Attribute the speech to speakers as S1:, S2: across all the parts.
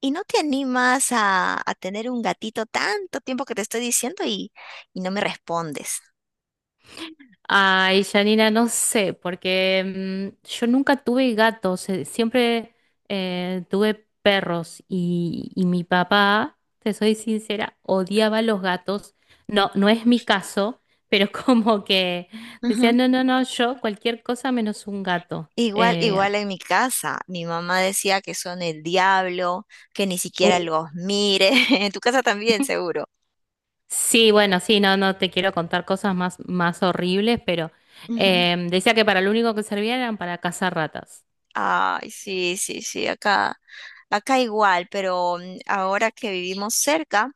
S1: ¿Y no te animas a tener un gatito tanto tiempo que te estoy diciendo y no me respondes?
S2: Ay, Janina, no sé, porque yo nunca tuve gatos, siempre tuve perros y mi papá, te soy sincera, odiaba los gatos. No, no es mi caso, pero como que decía,
S1: Ujú.
S2: no, no, no, yo cualquier cosa menos un gato.
S1: Igual, sí, igual en mi casa, mi mamá decía que son el diablo, que ni siquiera
S2: Uh,
S1: los mire. En tu casa también, seguro.
S2: Sí, bueno, sí, no, no te quiero contar cosas más horribles, pero
S1: Ujú.
S2: decía que para lo único que servían eran para cazar ratas.
S1: Ay, sí, sí, sí, acá, acá igual, pero ahora que vivimos cerca.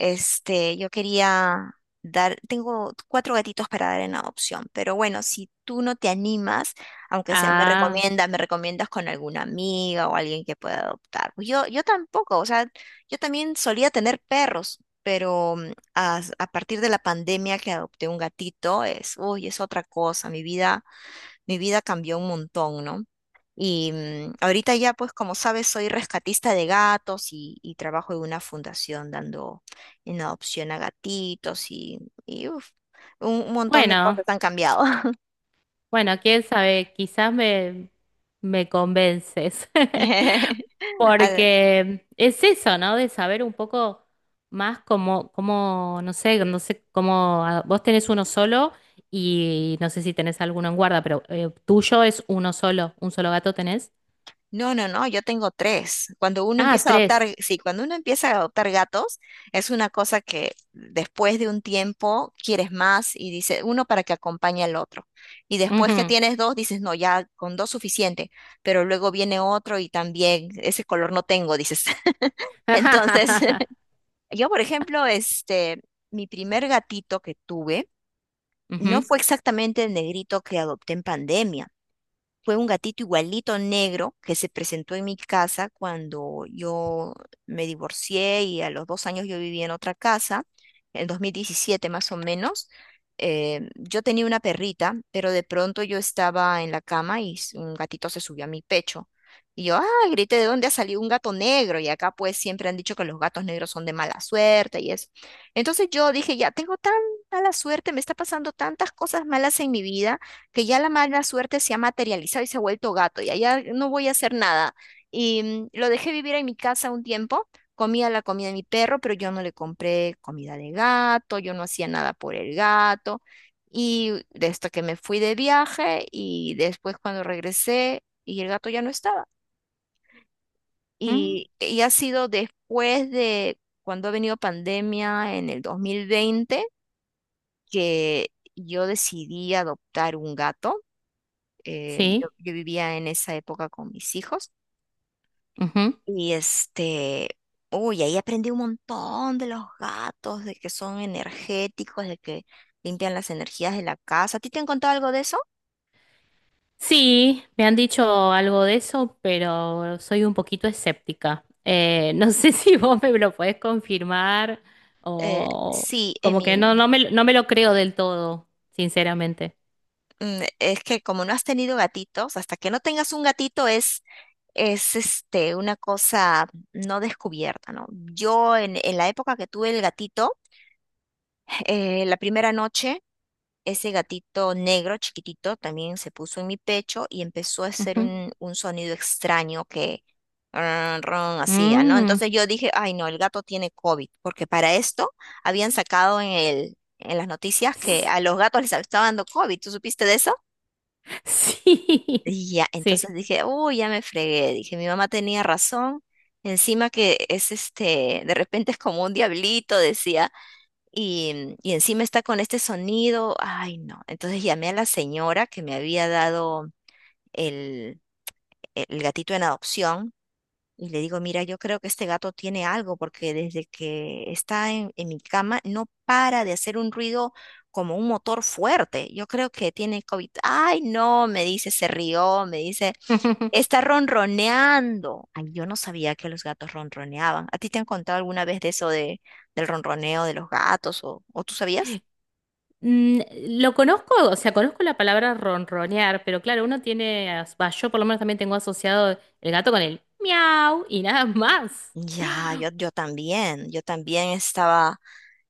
S1: Este, yo quería dar, tengo cuatro gatitos para dar en adopción, pero bueno, si tú no te animas, aunque sea
S2: Ah,
S1: me recomiendas con alguna amiga o alguien que pueda adoptar. Pues yo tampoco, o sea, yo también solía tener perros, pero a partir de la pandemia que adopté un gatito, es, uy, es otra cosa, mi vida cambió un montón, ¿no? Y ahorita ya, pues como sabes, soy rescatista de gatos y trabajo en una fundación dando en adopción a gatitos y, uf, un montón de cosas
S2: bueno.
S1: han cambiado.
S2: Bueno, quién sabe, quizás me convences,
S1: Al-
S2: porque es eso, ¿no? De saber un poco más cómo, no sé, no sé cómo. ¿Vos tenés uno solo y no sé si tenés alguno en guarda? Pero tuyo es uno solo, un solo gato tenés.
S1: No, no, no, yo tengo tres. Cuando uno
S2: Ah,
S1: empieza a
S2: tres.
S1: adoptar, sí, cuando uno empieza a adoptar gatos, es una cosa que después de un tiempo quieres más y dice uno para que acompañe al otro. Y después que
S2: Ujú.
S1: tienes dos, dices, no, ya con dos suficiente, pero luego viene otro y también ese color no tengo, dices. Entonces, yo, por ejemplo, este, mi primer gatito que tuve no
S2: Ujú.
S1: fue exactamente el negrito que adopté en pandemia. Fue un gatito igualito negro que se presentó en mi casa cuando yo me divorcié y a los 2 años yo vivía en otra casa, en 2017 más o menos. Yo tenía una perrita, pero de pronto yo estaba en la cama y un gatito se subió a mi pecho. Y yo, ah, grité, ¿de dónde ha salido un gato negro? Y acá pues siempre han dicho que los gatos negros son de mala suerte y eso. Entonces yo dije, ya tengo tan mala suerte, me está pasando tantas cosas malas en mi vida que ya la mala suerte se ha materializado y se ha vuelto gato, y allá no voy a hacer nada. Y lo dejé vivir en mi casa un tiempo, comía la comida de mi perro, pero yo no le compré comida de gato, yo no hacía nada por el gato. Y de esto que me fui de viaje y después cuando regresé y el gato ya no estaba.
S2: Mm,
S1: Y ha sido después de cuando ha venido pandemia en el 2020 que yo decidí adoptar un gato. Eh, yo,
S2: Sí.
S1: yo vivía en esa época con mis hijos y este, uy, ahí aprendí un montón de los gatos, de que son energéticos, de que limpian las energías de la casa. ¿A ti te han contado algo de eso?
S2: Sí, me han dicho algo de eso, pero soy un poquito escéptica. No sé si vos me lo podés confirmar, o
S1: Sí,
S2: como que no,
S1: Emi.
S2: no me lo creo del todo, sinceramente.
S1: Es que como no has tenido gatitos, hasta que no tengas un gatito es este, una cosa no descubierta, ¿no? Yo en la época que tuve el gatito, la primera noche ese gatito negro chiquitito también se puso en mi pecho y empezó a hacer
S2: Ujú.
S1: un sonido extraño que ron, ron, hacía, ¿no?
S2: Mm.
S1: Entonces yo dije, ay no, el gato tiene COVID, porque para esto habían sacado en el, en las noticias que a los gatos les estaba dando COVID. ¿Tú supiste de eso?
S2: Sí,
S1: Y ya,
S2: sí.
S1: entonces dije, uy, ya me fregué. Dije, mi mamá tenía razón. Encima que es este, de repente es como un diablito, decía y encima está con este sonido, ay no. Entonces llamé a la señora que me había dado el, el gatito en adopción y le digo, mira, yo creo que este gato tiene algo porque desde que está en mi cama no para de hacer un ruido como un motor fuerte. Yo creo que tiene COVID. Ay no, me dice, se rió, me dice, está ronroneando. Ay, yo no sabía que los gatos ronroneaban. ¿A ti te han contado alguna vez de eso de, del ronroneo de los gatos o tú sabías?
S2: Mm, Lo conozco, o sea, conozco la palabra ronronear, pero claro, uno tiene, as- va, yo por lo menos también tengo asociado el gato con el miau y nada más.
S1: Ya, yo, yo también estaba,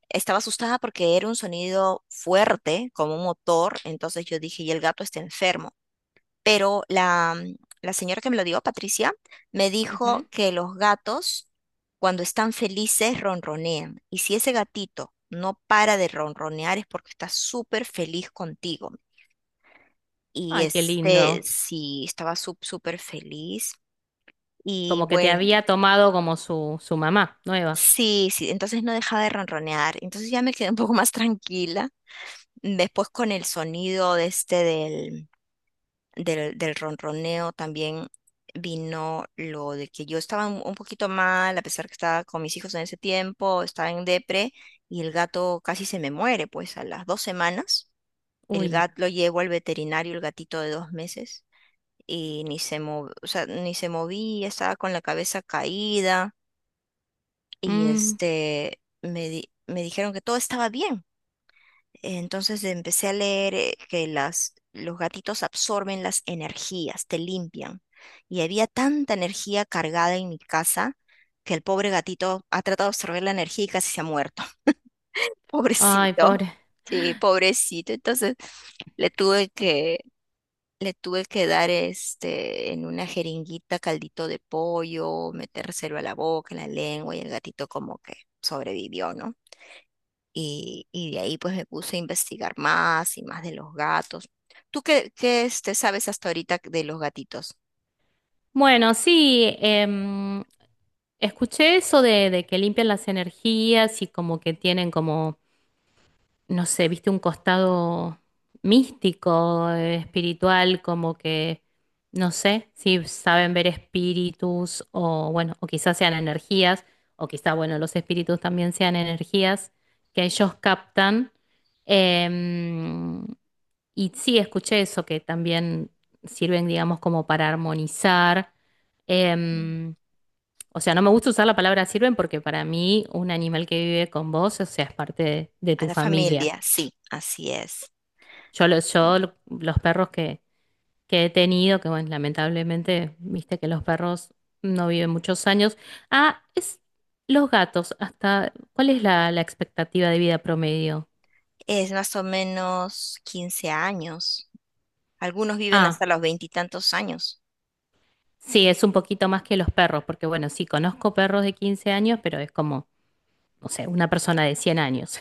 S1: estaba asustada porque era un sonido fuerte, como un motor, entonces yo dije, y el gato está enfermo. Pero la, la señora que me lo dio, Patricia, me dijo
S2: Ujú.
S1: que los gatos, cuando están felices, ronronean. Y si ese gatito no para de ronronear es porque está súper feliz contigo. Y
S2: Ay, qué
S1: este,
S2: lindo.
S1: sí, estaba súper feliz. Y
S2: Como que te
S1: bueno.
S2: había tomado como su mamá nueva.
S1: Sí, sí, entonces no dejaba de ronronear, entonces ya me quedé un poco más tranquila. Después con el sonido de este del, del ronroneo también vino lo de que yo estaba un poquito mal, a pesar que estaba con mis hijos en ese tiempo, estaba en depre y el gato casi se me muere, pues a las 2 semanas el
S2: Uy.
S1: gato lo llevo al veterinario, el gatito de 2 meses. Y ni se o sea, ni se movía, estaba con la cabeza caída y
S2: Mm.
S1: este me, me dijeron que todo estaba bien. Entonces empecé a leer que las, los gatitos absorben las energías, te limpian. Y había tanta energía cargada en mi casa que el pobre gatito ha tratado de absorber la energía y casi se ha muerto.
S2: Ay,
S1: Pobrecito.
S2: pobre.
S1: Sí, pobrecito. Entonces le tuve que, le tuve que dar este en una jeringuita caldito de pollo, metérselo a la boca, en la lengua, y el gatito como que sobrevivió, ¿no? Y de ahí pues me puse a investigar más y más de los gatos. ¿Tú qué, qué este, sabes hasta ahorita de los gatitos?
S2: Bueno, sí, escuché eso de que limpian las energías y como que tienen como no sé, viste un costado místico, espiritual, como que no sé, si saben ver espíritus, o bueno, o quizás sean energías, o quizás, bueno, los espíritus también sean energías que ellos captan. Em, y sí, escuché eso, que también sirven, digamos, como para armonizar.
S1: Mm.
S2: Em, o sea, no me gusta usar la palabra sirven porque para mí un animal que vive con vos, o sea, es parte de
S1: A
S2: tu
S1: la
S2: familia.
S1: familia, sí, así es.
S2: Yo, los, yo
S1: Sí.
S2: lo- Los perros que he tenido, que bueno, lamentablemente, viste que los perros no viven muchos años. Ah, es, los gatos, hasta, ¿cuál es la expectativa de vida promedio?
S1: Es más o menos 15 años. Algunos viven hasta
S2: Ah,
S1: los veintitantos años.
S2: sí, es un poquito más que los perros, porque bueno, sí, conozco perros de 15 años, pero es como no sé, una persona de 100 años.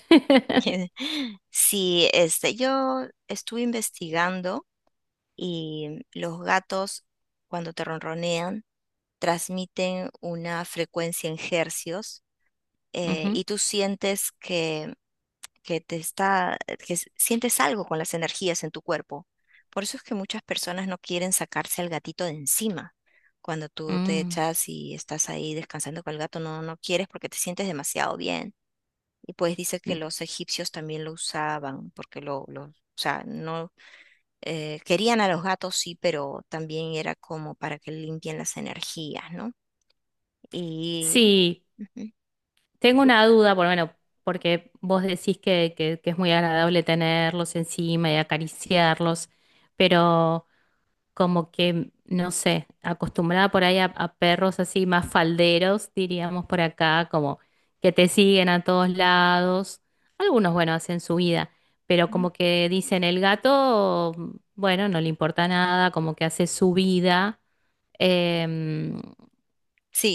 S1: Sí, este, yo estuve investigando y los gatos cuando te ronronean transmiten una frecuencia en hercios
S2: Ujú.
S1: y tú sientes que te está, que sientes algo con las energías en tu cuerpo. Por eso es que muchas personas no quieren sacarse al gatito de encima. Cuando tú te
S2: Mm.
S1: echas y estás ahí descansando con el gato, no, no quieres porque te sientes demasiado bien. Y pues dice que los egipcios también lo usaban, porque lo, o sea, no querían a los gatos, sí, pero también era como para que limpien las energías, ¿no? Y
S2: Sí.
S1: ujú.
S2: Tengo una duda, por bueno, porque vos decís que, que es muy agradable tenerlos encima y acariciarlos, pero como que no sé, acostumbrada por ahí a perros así más falderos, diríamos por acá, como que te siguen a todos lados. Algunos, bueno, hacen su vida, pero
S1: Ujú.
S2: como que dicen el gato, bueno, no le importa nada, como que hace su vida. Em,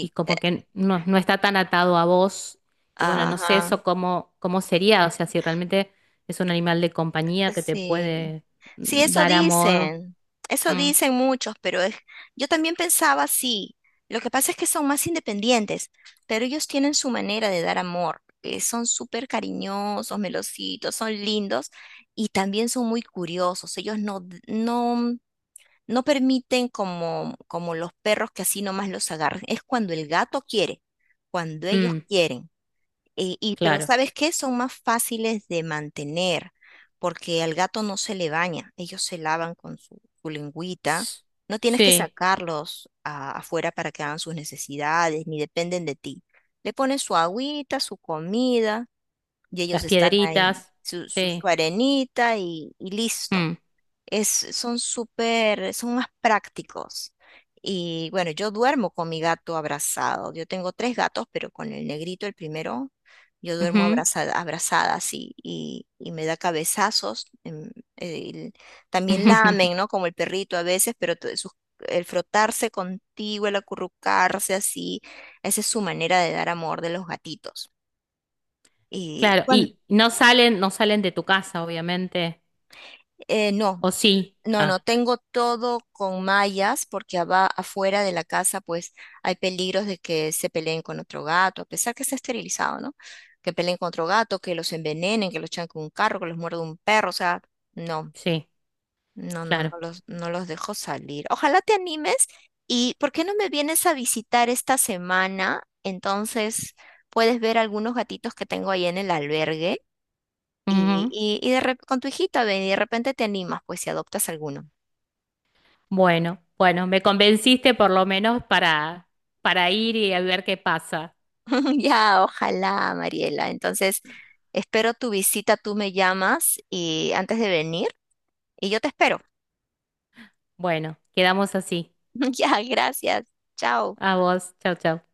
S2: y como que no, no está tan atado a vos. Y bueno, no sé
S1: ajá.
S2: eso cómo sería, o sea, si realmente es un animal de compañía que te
S1: Sí,
S2: puede
S1: sí,
S2: dar amor.
S1: eso
S2: Mm,
S1: dicen muchos, pero es, yo también pensaba así. Lo que pasa es que son más independientes, pero ellos tienen su manera de dar amor. Eh, son súper cariñosos, melositos, son lindos y también son muy curiosos. Ellos no, no, no permiten como, como los perros que así nomás los agarran. Es cuando el gato quiere, cuando ellos
S2: mm,
S1: quieren. Y pero
S2: claro.
S1: ¿sabes qué? Son más fáciles de mantener porque al gato no se le baña. Ellos se lavan con su, su lengüita.
S2: Ps,
S1: No tienes que
S2: sí,
S1: sacarlos afuera para que hagan sus necesidades, ni dependen de ti. Le pones su agüita, su comida y ellos
S2: las
S1: están ahí,
S2: piedritas,
S1: su
S2: sí.
S1: arenita y listo
S2: Mm,
S1: es, son súper, son más prácticos. Y bueno, yo duermo con mi gato abrazado. Yo tengo tres gatos, pero con el negrito, el primero, yo duermo
S2: ujú.
S1: abrazada, abrazada así, y me da cabezazos. El- también lamen, ¿no? Como el perrito a veces, pero el frotarse contigo, el acurrucarse así, esa es su manera de dar amor de los gatitos. Y
S2: Claro,
S1: cuando,
S2: y no salen, no salen de tu casa, obviamente.
S1: no.
S2: ¿O sí?
S1: No, no,
S2: Ah,
S1: tengo todo con mallas porque afuera de la casa pues hay peligros de que se peleen con otro gato, a pesar que está esterilizado, ¿no? Que peleen con otro gato, que los envenenen, que los echan con un carro, que los muerde un perro, o sea, no,
S2: sí,
S1: no, no, no
S2: claro.
S1: los, no los dejo salir. Ojalá te animes y ¿por qué no me vienes a visitar esta semana? Entonces puedes ver algunos gatitos que tengo ahí en el albergue
S2: Ujú.
S1: y con tu hijita ven y de repente te animas pues si adoptas alguno.
S2: Bueno, bueno, me convenciste por lo menos para ir y a ver qué pasa.
S1: Ya, ojalá, Mariela. Entonces, espero tu visita, tú me llamas y antes de venir y yo te espero.
S2: Bueno, quedamos así.
S1: Ya, gracias. Chao.
S2: A vos, chau, chau.